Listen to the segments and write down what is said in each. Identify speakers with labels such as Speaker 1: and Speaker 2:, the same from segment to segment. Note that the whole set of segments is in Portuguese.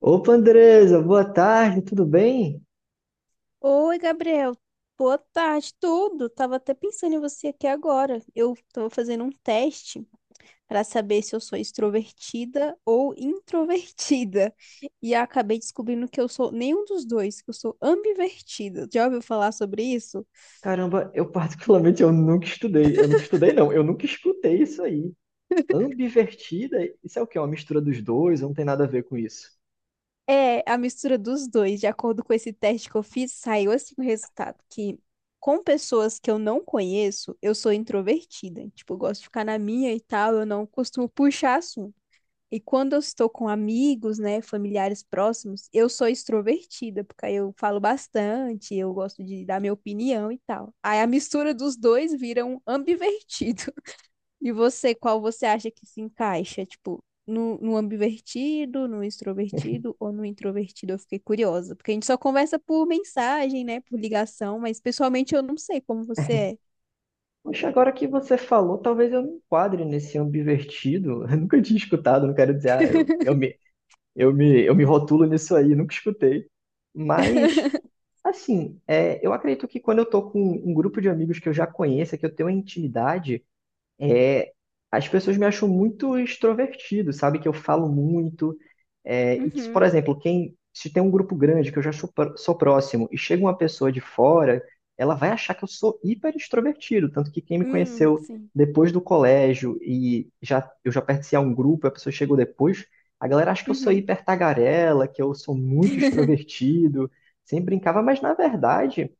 Speaker 1: Opa, Andresa, boa tarde, tudo bem?
Speaker 2: Oi, Gabriel. Boa tarde, tudo. Tava até pensando em você aqui agora. Eu tô fazendo um teste para saber se eu sou extrovertida ou introvertida. E acabei descobrindo que eu sou nenhum dos dois, que eu sou ambivertida. Já ouviu falar sobre isso?
Speaker 1: Caramba, eu particularmente eu nunca estudei não, eu nunca escutei isso aí. Ambivertida, isso é o quê? Uma mistura dos dois, não tem nada a ver com isso.
Speaker 2: É a mistura dos dois. De acordo com esse teste que eu fiz, saiu assim o resultado que com pessoas que eu não conheço, eu sou introvertida. Tipo, eu gosto de ficar na minha e tal, eu não costumo puxar assunto. E quando eu estou com amigos, né, familiares próximos, eu sou extrovertida, porque aí eu falo bastante, eu gosto de dar minha opinião e tal. Aí a mistura dos dois vira um ambivertido. E você, qual você acha que se encaixa? Tipo, no ambivertido, no extrovertido ou no introvertido? Eu fiquei curiosa, porque a gente só conversa por mensagem, né, por ligação, mas pessoalmente eu não sei como você
Speaker 1: Poxa, agora que você falou, talvez eu me enquadre nesse ambivertido. Eu nunca tinha escutado, não quero dizer, eu me rotulo nisso aí, nunca escutei.
Speaker 2: é.
Speaker 1: Mas, assim, é, eu acredito que quando eu tô com um grupo de amigos que eu já conheço, que eu tenho uma intimidade, é, as pessoas me acham muito extrovertido, sabe? Que eu falo muito. É, e que, se, por
Speaker 2: Uhum.
Speaker 1: exemplo, quem se tem um grupo grande que eu já sou, sou próximo e chega uma pessoa de fora, ela vai achar que eu sou hiper extrovertido. Tanto que quem me conheceu
Speaker 2: Sim.
Speaker 1: depois do colégio e já pertencia a um grupo, a pessoa chegou depois, a galera acha que eu sou
Speaker 2: Uhum.
Speaker 1: hiper tagarela, que eu sou muito extrovertido, sempre brincava, mas na verdade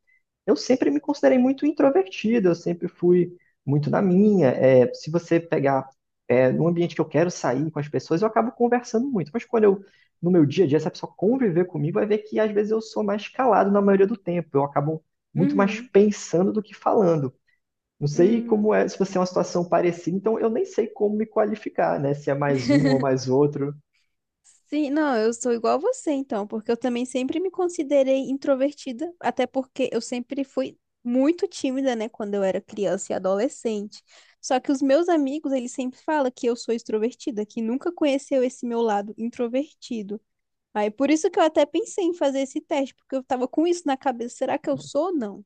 Speaker 1: eu sempre me considerei muito introvertido, eu sempre fui muito na minha. É, se você pegar, é, num ambiente que eu quero sair com as pessoas, eu acabo conversando muito. Mas quando eu, no meu dia a dia, se a pessoa conviver comigo, vai ver que às vezes eu sou mais calado na maioria do tempo. Eu acabo muito mais
Speaker 2: Uhum.
Speaker 1: pensando do que falando. Não sei como
Speaker 2: Uhum.
Speaker 1: é, se você é uma situação parecida, então eu nem sei como me qualificar, né? Se é mais um ou mais outro.
Speaker 2: Sim, não, eu sou igual a você então, porque eu também sempre me considerei introvertida, até porque eu sempre fui muito tímida, né, quando eu era criança e adolescente. Só que os meus amigos, eles sempre falam que eu sou extrovertida, que nunca conheceu esse meu lado introvertido. Aí por isso que eu até pensei em fazer esse teste, porque eu tava com isso na cabeça, será que eu sou ou não?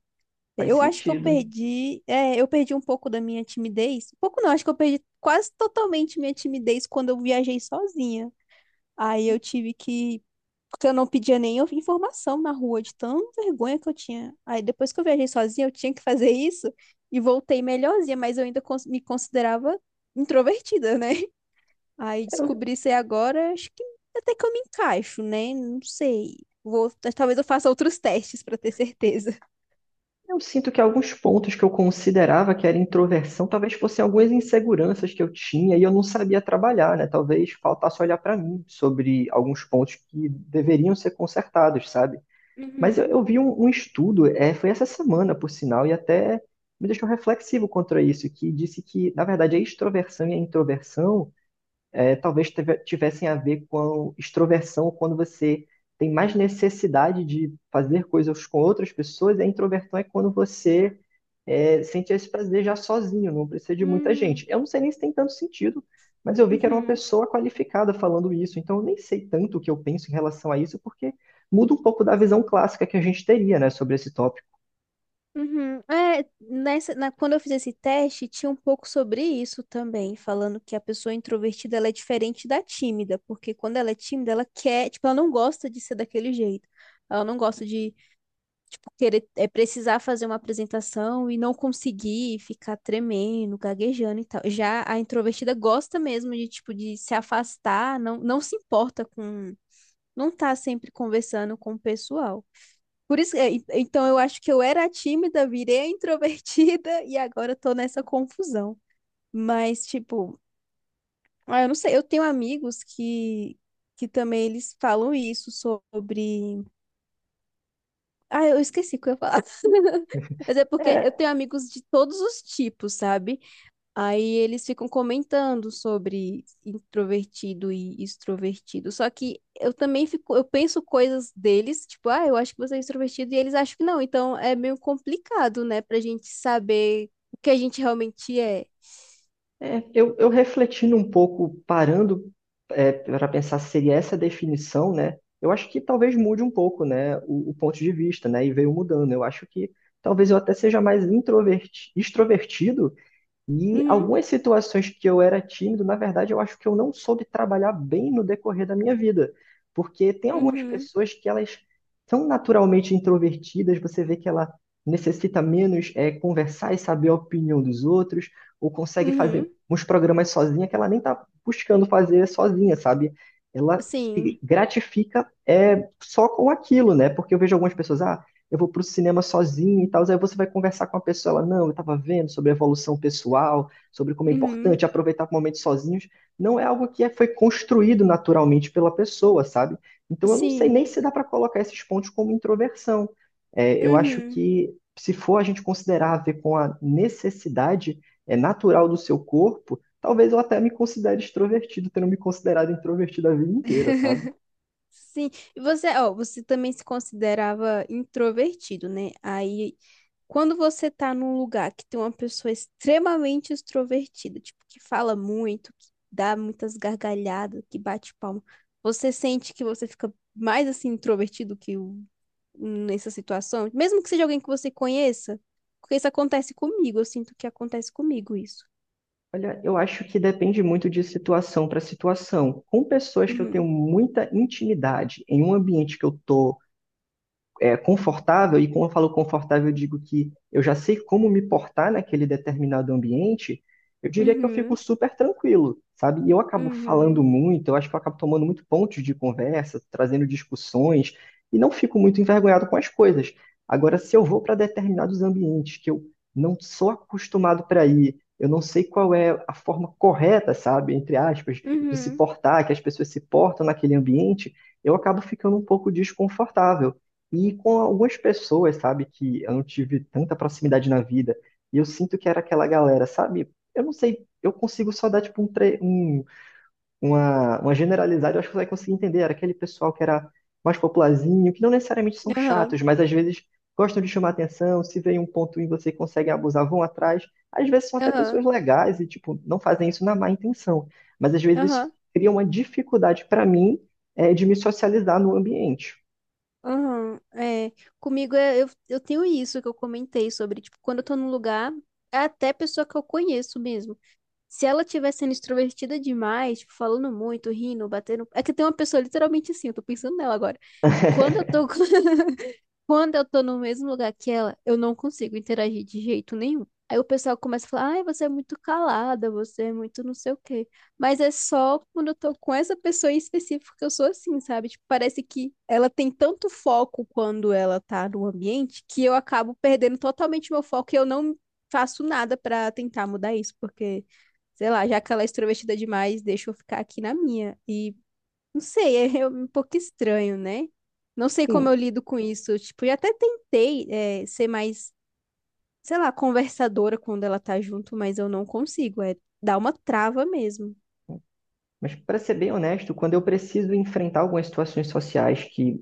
Speaker 1: Faz
Speaker 2: Eu acho que eu
Speaker 1: sentido.
Speaker 2: perdi, eu perdi um pouco da minha timidez. Um pouco não, acho que eu perdi quase totalmente minha timidez quando eu viajei sozinha. Aí eu tive que. Porque eu não pedia nem informação na rua, de tão vergonha que eu tinha. Aí depois que eu viajei sozinha, eu tinha que fazer isso e voltei melhorzinha, mas eu ainda me considerava introvertida, né? Aí descobri isso aí agora, acho que até que eu me encaixo, né? Não sei. Vou, talvez eu faça outros testes pra ter certeza.
Speaker 1: Eu sinto que alguns pontos que eu considerava que era introversão, talvez fossem algumas inseguranças que eu tinha e eu não sabia trabalhar, né? Talvez faltasse olhar para mim sobre alguns pontos que deveriam ser consertados, sabe? Mas eu,
Speaker 2: Uhum.
Speaker 1: eu vi um estudo, é, foi essa semana, por sinal, e até me deixou reflexivo contra isso, que disse que, na verdade, a extroversão e a introversão é, talvez tivessem a ver com extroversão quando você tem mais necessidade de fazer coisas com outras pessoas, e a introversão é quando você é, sente esse prazer já sozinho, não precisa de muita gente.
Speaker 2: Hum.
Speaker 1: Eu não sei nem se tem tanto sentido, mas eu vi que era uma
Speaker 2: Uhum.
Speaker 1: pessoa qualificada falando isso, então eu nem sei tanto o que eu penso em relação a isso, porque muda um pouco da visão clássica que a gente teria, né, sobre esse tópico.
Speaker 2: Uhum. É, quando eu fiz esse teste, tinha um pouco sobre isso também, falando que a pessoa introvertida ela é diferente da tímida, porque quando ela é tímida, ela quer, tipo, ela não gosta de ser daquele jeito. Ela não gosta de, tipo, querer, precisar fazer uma apresentação e não conseguir ficar tremendo, gaguejando e tal. Já a introvertida gosta mesmo de, tipo, de se afastar, não se importa com, não tá sempre conversando com o pessoal. Por isso, então eu acho que eu era tímida, virei a introvertida e agora eu tô nessa confusão. Mas, tipo, ah, eu não sei, eu tenho que também eles falam isso sobre. Ah, eu esqueci o que eu ia falar. Mas é porque eu
Speaker 1: É,
Speaker 2: tenho amigos de todos os tipos, sabe? Aí eles ficam comentando sobre introvertido e extrovertido. Só que eu também fico, eu penso coisas deles, tipo, ah, eu acho que você é extrovertido e eles acham que não. Então é meio complicado, né, pra gente saber o que a gente realmente é.
Speaker 1: eu refletindo um pouco, parando é, para pensar se seria essa a definição, né, eu acho que talvez mude um pouco, né, o ponto de vista, né, e veio mudando. Eu acho que talvez eu até seja mais extrovertido. E
Speaker 2: Uhum,
Speaker 1: algumas situações que eu era tímido, na verdade, eu acho que eu não soube trabalhar bem no decorrer da minha vida. Porque tem algumas
Speaker 2: uhum,
Speaker 1: pessoas que elas são naturalmente introvertidas, você vê que ela necessita menos é, conversar e saber a opinião dos outros, ou consegue
Speaker 2: uhum.
Speaker 1: fazer uns programas sozinha que ela nem está buscando fazer sozinha, sabe? Ela se
Speaker 2: Sim,
Speaker 1: gratifica é, só com aquilo, né? Porque eu vejo algumas pessoas, ah, eu vou pro cinema sozinho e tal. Aí você vai conversar com a pessoa, ela, não, eu estava vendo sobre a evolução pessoal, sobre como é
Speaker 2: uhum,
Speaker 1: importante aproveitar momentos sozinhos. Não é algo que foi construído naturalmente pela pessoa, sabe? Então eu não sei
Speaker 2: sim,
Speaker 1: nem se dá para colocar esses pontos como introversão. É, eu acho
Speaker 2: uhum.
Speaker 1: que se for a gente considerar a ver com a necessidade é, natural do seu corpo, talvez eu até me considere extrovertido, tendo me considerado introvertido a vida inteira, sabe?
Speaker 2: Sim, e você, ó, você também se considerava introvertido, né? Aí quando você tá num lugar que tem uma pessoa extremamente extrovertida, tipo, que fala muito, que dá muitas gargalhadas, que bate palma, você sente que você fica mais assim introvertido nessa situação, mesmo que seja alguém que você conheça, porque isso acontece comigo, eu sinto que acontece comigo isso.
Speaker 1: Olha, eu acho que depende muito de situação para situação. Com pessoas que eu tenho
Speaker 2: Uhum,
Speaker 1: muita intimidade, em um ambiente que eu estou é, confortável, e quando eu falo confortável, eu digo que eu já sei como me portar naquele determinado ambiente, eu diria que eu fico
Speaker 2: uhum,
Speaker 1: super tranquilo, sabe? E eu acabo falando
Speaker 2: uhum,
Speaker 1: muito, eu acho que eu acabo tomando muito pontos de conversa, trazendo discussões, e não fico muito envergonhado com as coisas. Agora, se eu vou para determinados ambientes que eu não sou acostumado para ir, eu não sei qual é a forma correta, sabe, entre aspas, de se
Speaker 2: uhum,
Speaker 1: portar, que as pessoas se portam naquele ambiente, eu acabo ficando um pouco desconfortável. E com algumas pessoas, sabe, que eu não tive tanta proximidade na vida. E eu sinto que era aquela galera, sabe? Eu não sei, eu consigo só dar, tipo, uma generalizada, eu acho que você vai conseguir entender. Era aquele pessoal que era mais popularzinho, que não necessariamente são
Speaker 2: aham,
Speaker 1: chatos, mas às vezes gostam de chamar atenção, se vê um ponto em você e conseguem abusar, vão atrás. Às vezes são até
Speaker 2: aham,
Speaker 1: pessoas legais e, tipo, não fazem isso na má intenção. Mas às vezes isso
Speaker 2: aham.
Speaker 1: cria uma dificuldade para mim, de me socializar no ambiente.
Speaker 2: Aham, comigo é, eu tenho isso que eu comentei sobre, tipo, quando eu tô num lugar, é até pessoa que eu conheço mesmo. Se ela estiver sendo extrovertida demais, tipo, falando muito, rindo, batendo. É que tem uma pessoa literalmente assim, eu tô pensando nela agora. Quando eu tô. Quando eu tô no mesmo lugar que ela, eu não consigo interagir de jeito nenhum. Aí o pessoal começa a falar, ai, você é muito calada, você é muito não sei o quê. Mas é só quando eu tô com essa pessoa em específico que eu sou assim, sabe? Tipo, parece que ela tem tanto foco quando ela tá no ambiente que eu acabo perdendo totalmente meu foco e eu não faço nada pra tentar mudar isso, porque, sei lá, já que ela é extrovertida demais, deixa eu ficar aqui na minha. E não sei, é um pouco estranho, né? Não sei como eu
Speaker 1: Sim,
Speaker 2: lido com isso. Tipo, eu até tentei, ser mais, sei lá, conversadora quando ela tá junto, mas eu não consigo. É, dá uma trava mesmo.
Speaker 1: mas para ser bem honesto, quando eu preciso enfrentar algumas situações sociais que,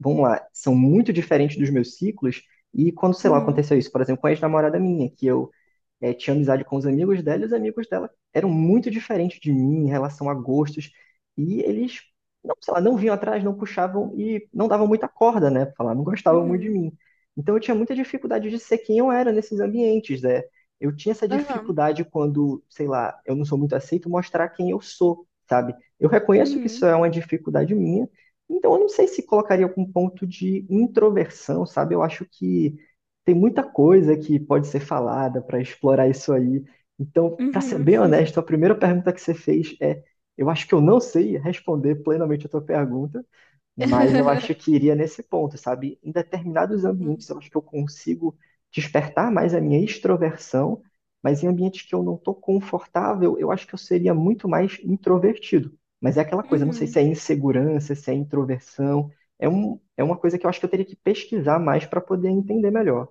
Speaker 1: vamos lá, são muito diferentes dos meus ciclos, e quando, sei lá,
Speaker 2: Uhum,
Speaker 1: aconteceu isso, por exemplo, com a ex-namorada minha, que eu tinha amizade com os amigos dela e os amigos dela eram muito diferentes de mim em relação a gostos. E eles, não, sei lá, não vinham atrás, não puxavam e não davam muita corda, né? Pra falar, não gostavam muito de
Speaker 2: uhum,
Speaker 1: mim. Então eu tinha muita dificuldade de ser quem eu era nesses ambientes, né? Eu tinha essa
Speaker 2: aham,
Speaker 1: dificuldade quando, sei lá, eu não sou muito aceito, mostrar quem eu sou, sabe? Eu reconheço que isso
Speaker 2: uhum,
Speaker 1: é uma dificuldade minha, então eu não sei se colocaria com um ponto de introversão, sabe? Eu acho que tem muita coisa que pode ser falada para explorar isso aí. Então, para ser
Speaker 2: uhum.
Speaker 1: bem honesto, a primeira pergunta que você fez é: eu acho que eu não sei responder plenamente a tua pergunta, mas eu acho que iria nesse ponto, sabe? Em determinados
Speaker 2: Sim.
Speaker 1: ambientes, eu acho que eu consigo despertar mais a minha extroversão, mas em ambientes que eu não estou confortável, eu acho que eu seria muito mais introvertido. Mas é aquela coisa, não sei se
Speaker 2: Uhum.
Speaker 1: é insegurança, se é introversão. É uma coisa que eu acho que eu teria que pesquisar mais para poder entender melhor.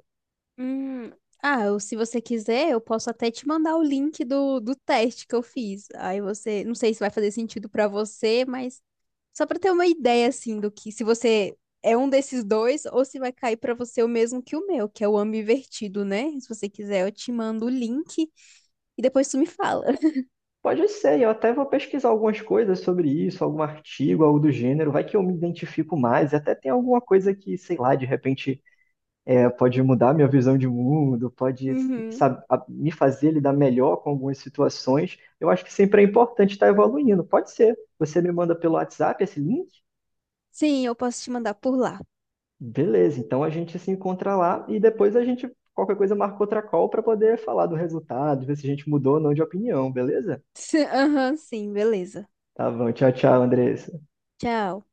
Speaker 2: Hum, ah, se você quiser, eu posso até te mandar o link do teste que eu fiz. Aí você, não sei se vai fazer sentido pra você, mas só pra ter uma ideia assim do que se você é um desses dois ou se vai cair pra você o mesmo que o meu, que é o ambivertido, né? Se você quiser, eu te mando o link e depois tu me fala.
Speaker 1: Pode ser, eu até vou pesquisar algumas coisas sobre isso, algum artigo, algo do gênero, vai que eu me identifico mais, e até tem alguma coisa que, sei lá, de repente é, pode mudar minha visão de mundo, pode
Speaker 2: Uhum.
Speaker 1: sabe, me fazer lidar melhor com algumas situações. Eu acho que sempre é importante estar evoluindo, pode ser. Você me manda pelo WhatsApp esse link?
Speaker 2: Sim, eu posso te mandar por lá.
Speaker 1: Beleza, então a gente se encontra lá e depois a gente, qualquer coisa, marca outra call para poder falar do resultado, ver se a gente mudou ou não de opinião, beleza?
Speaker 2: Aham, sim, beleza.
Speaker 1: Tá bom, tchau, tchau, Andressa.
Speaker 2: Tchau.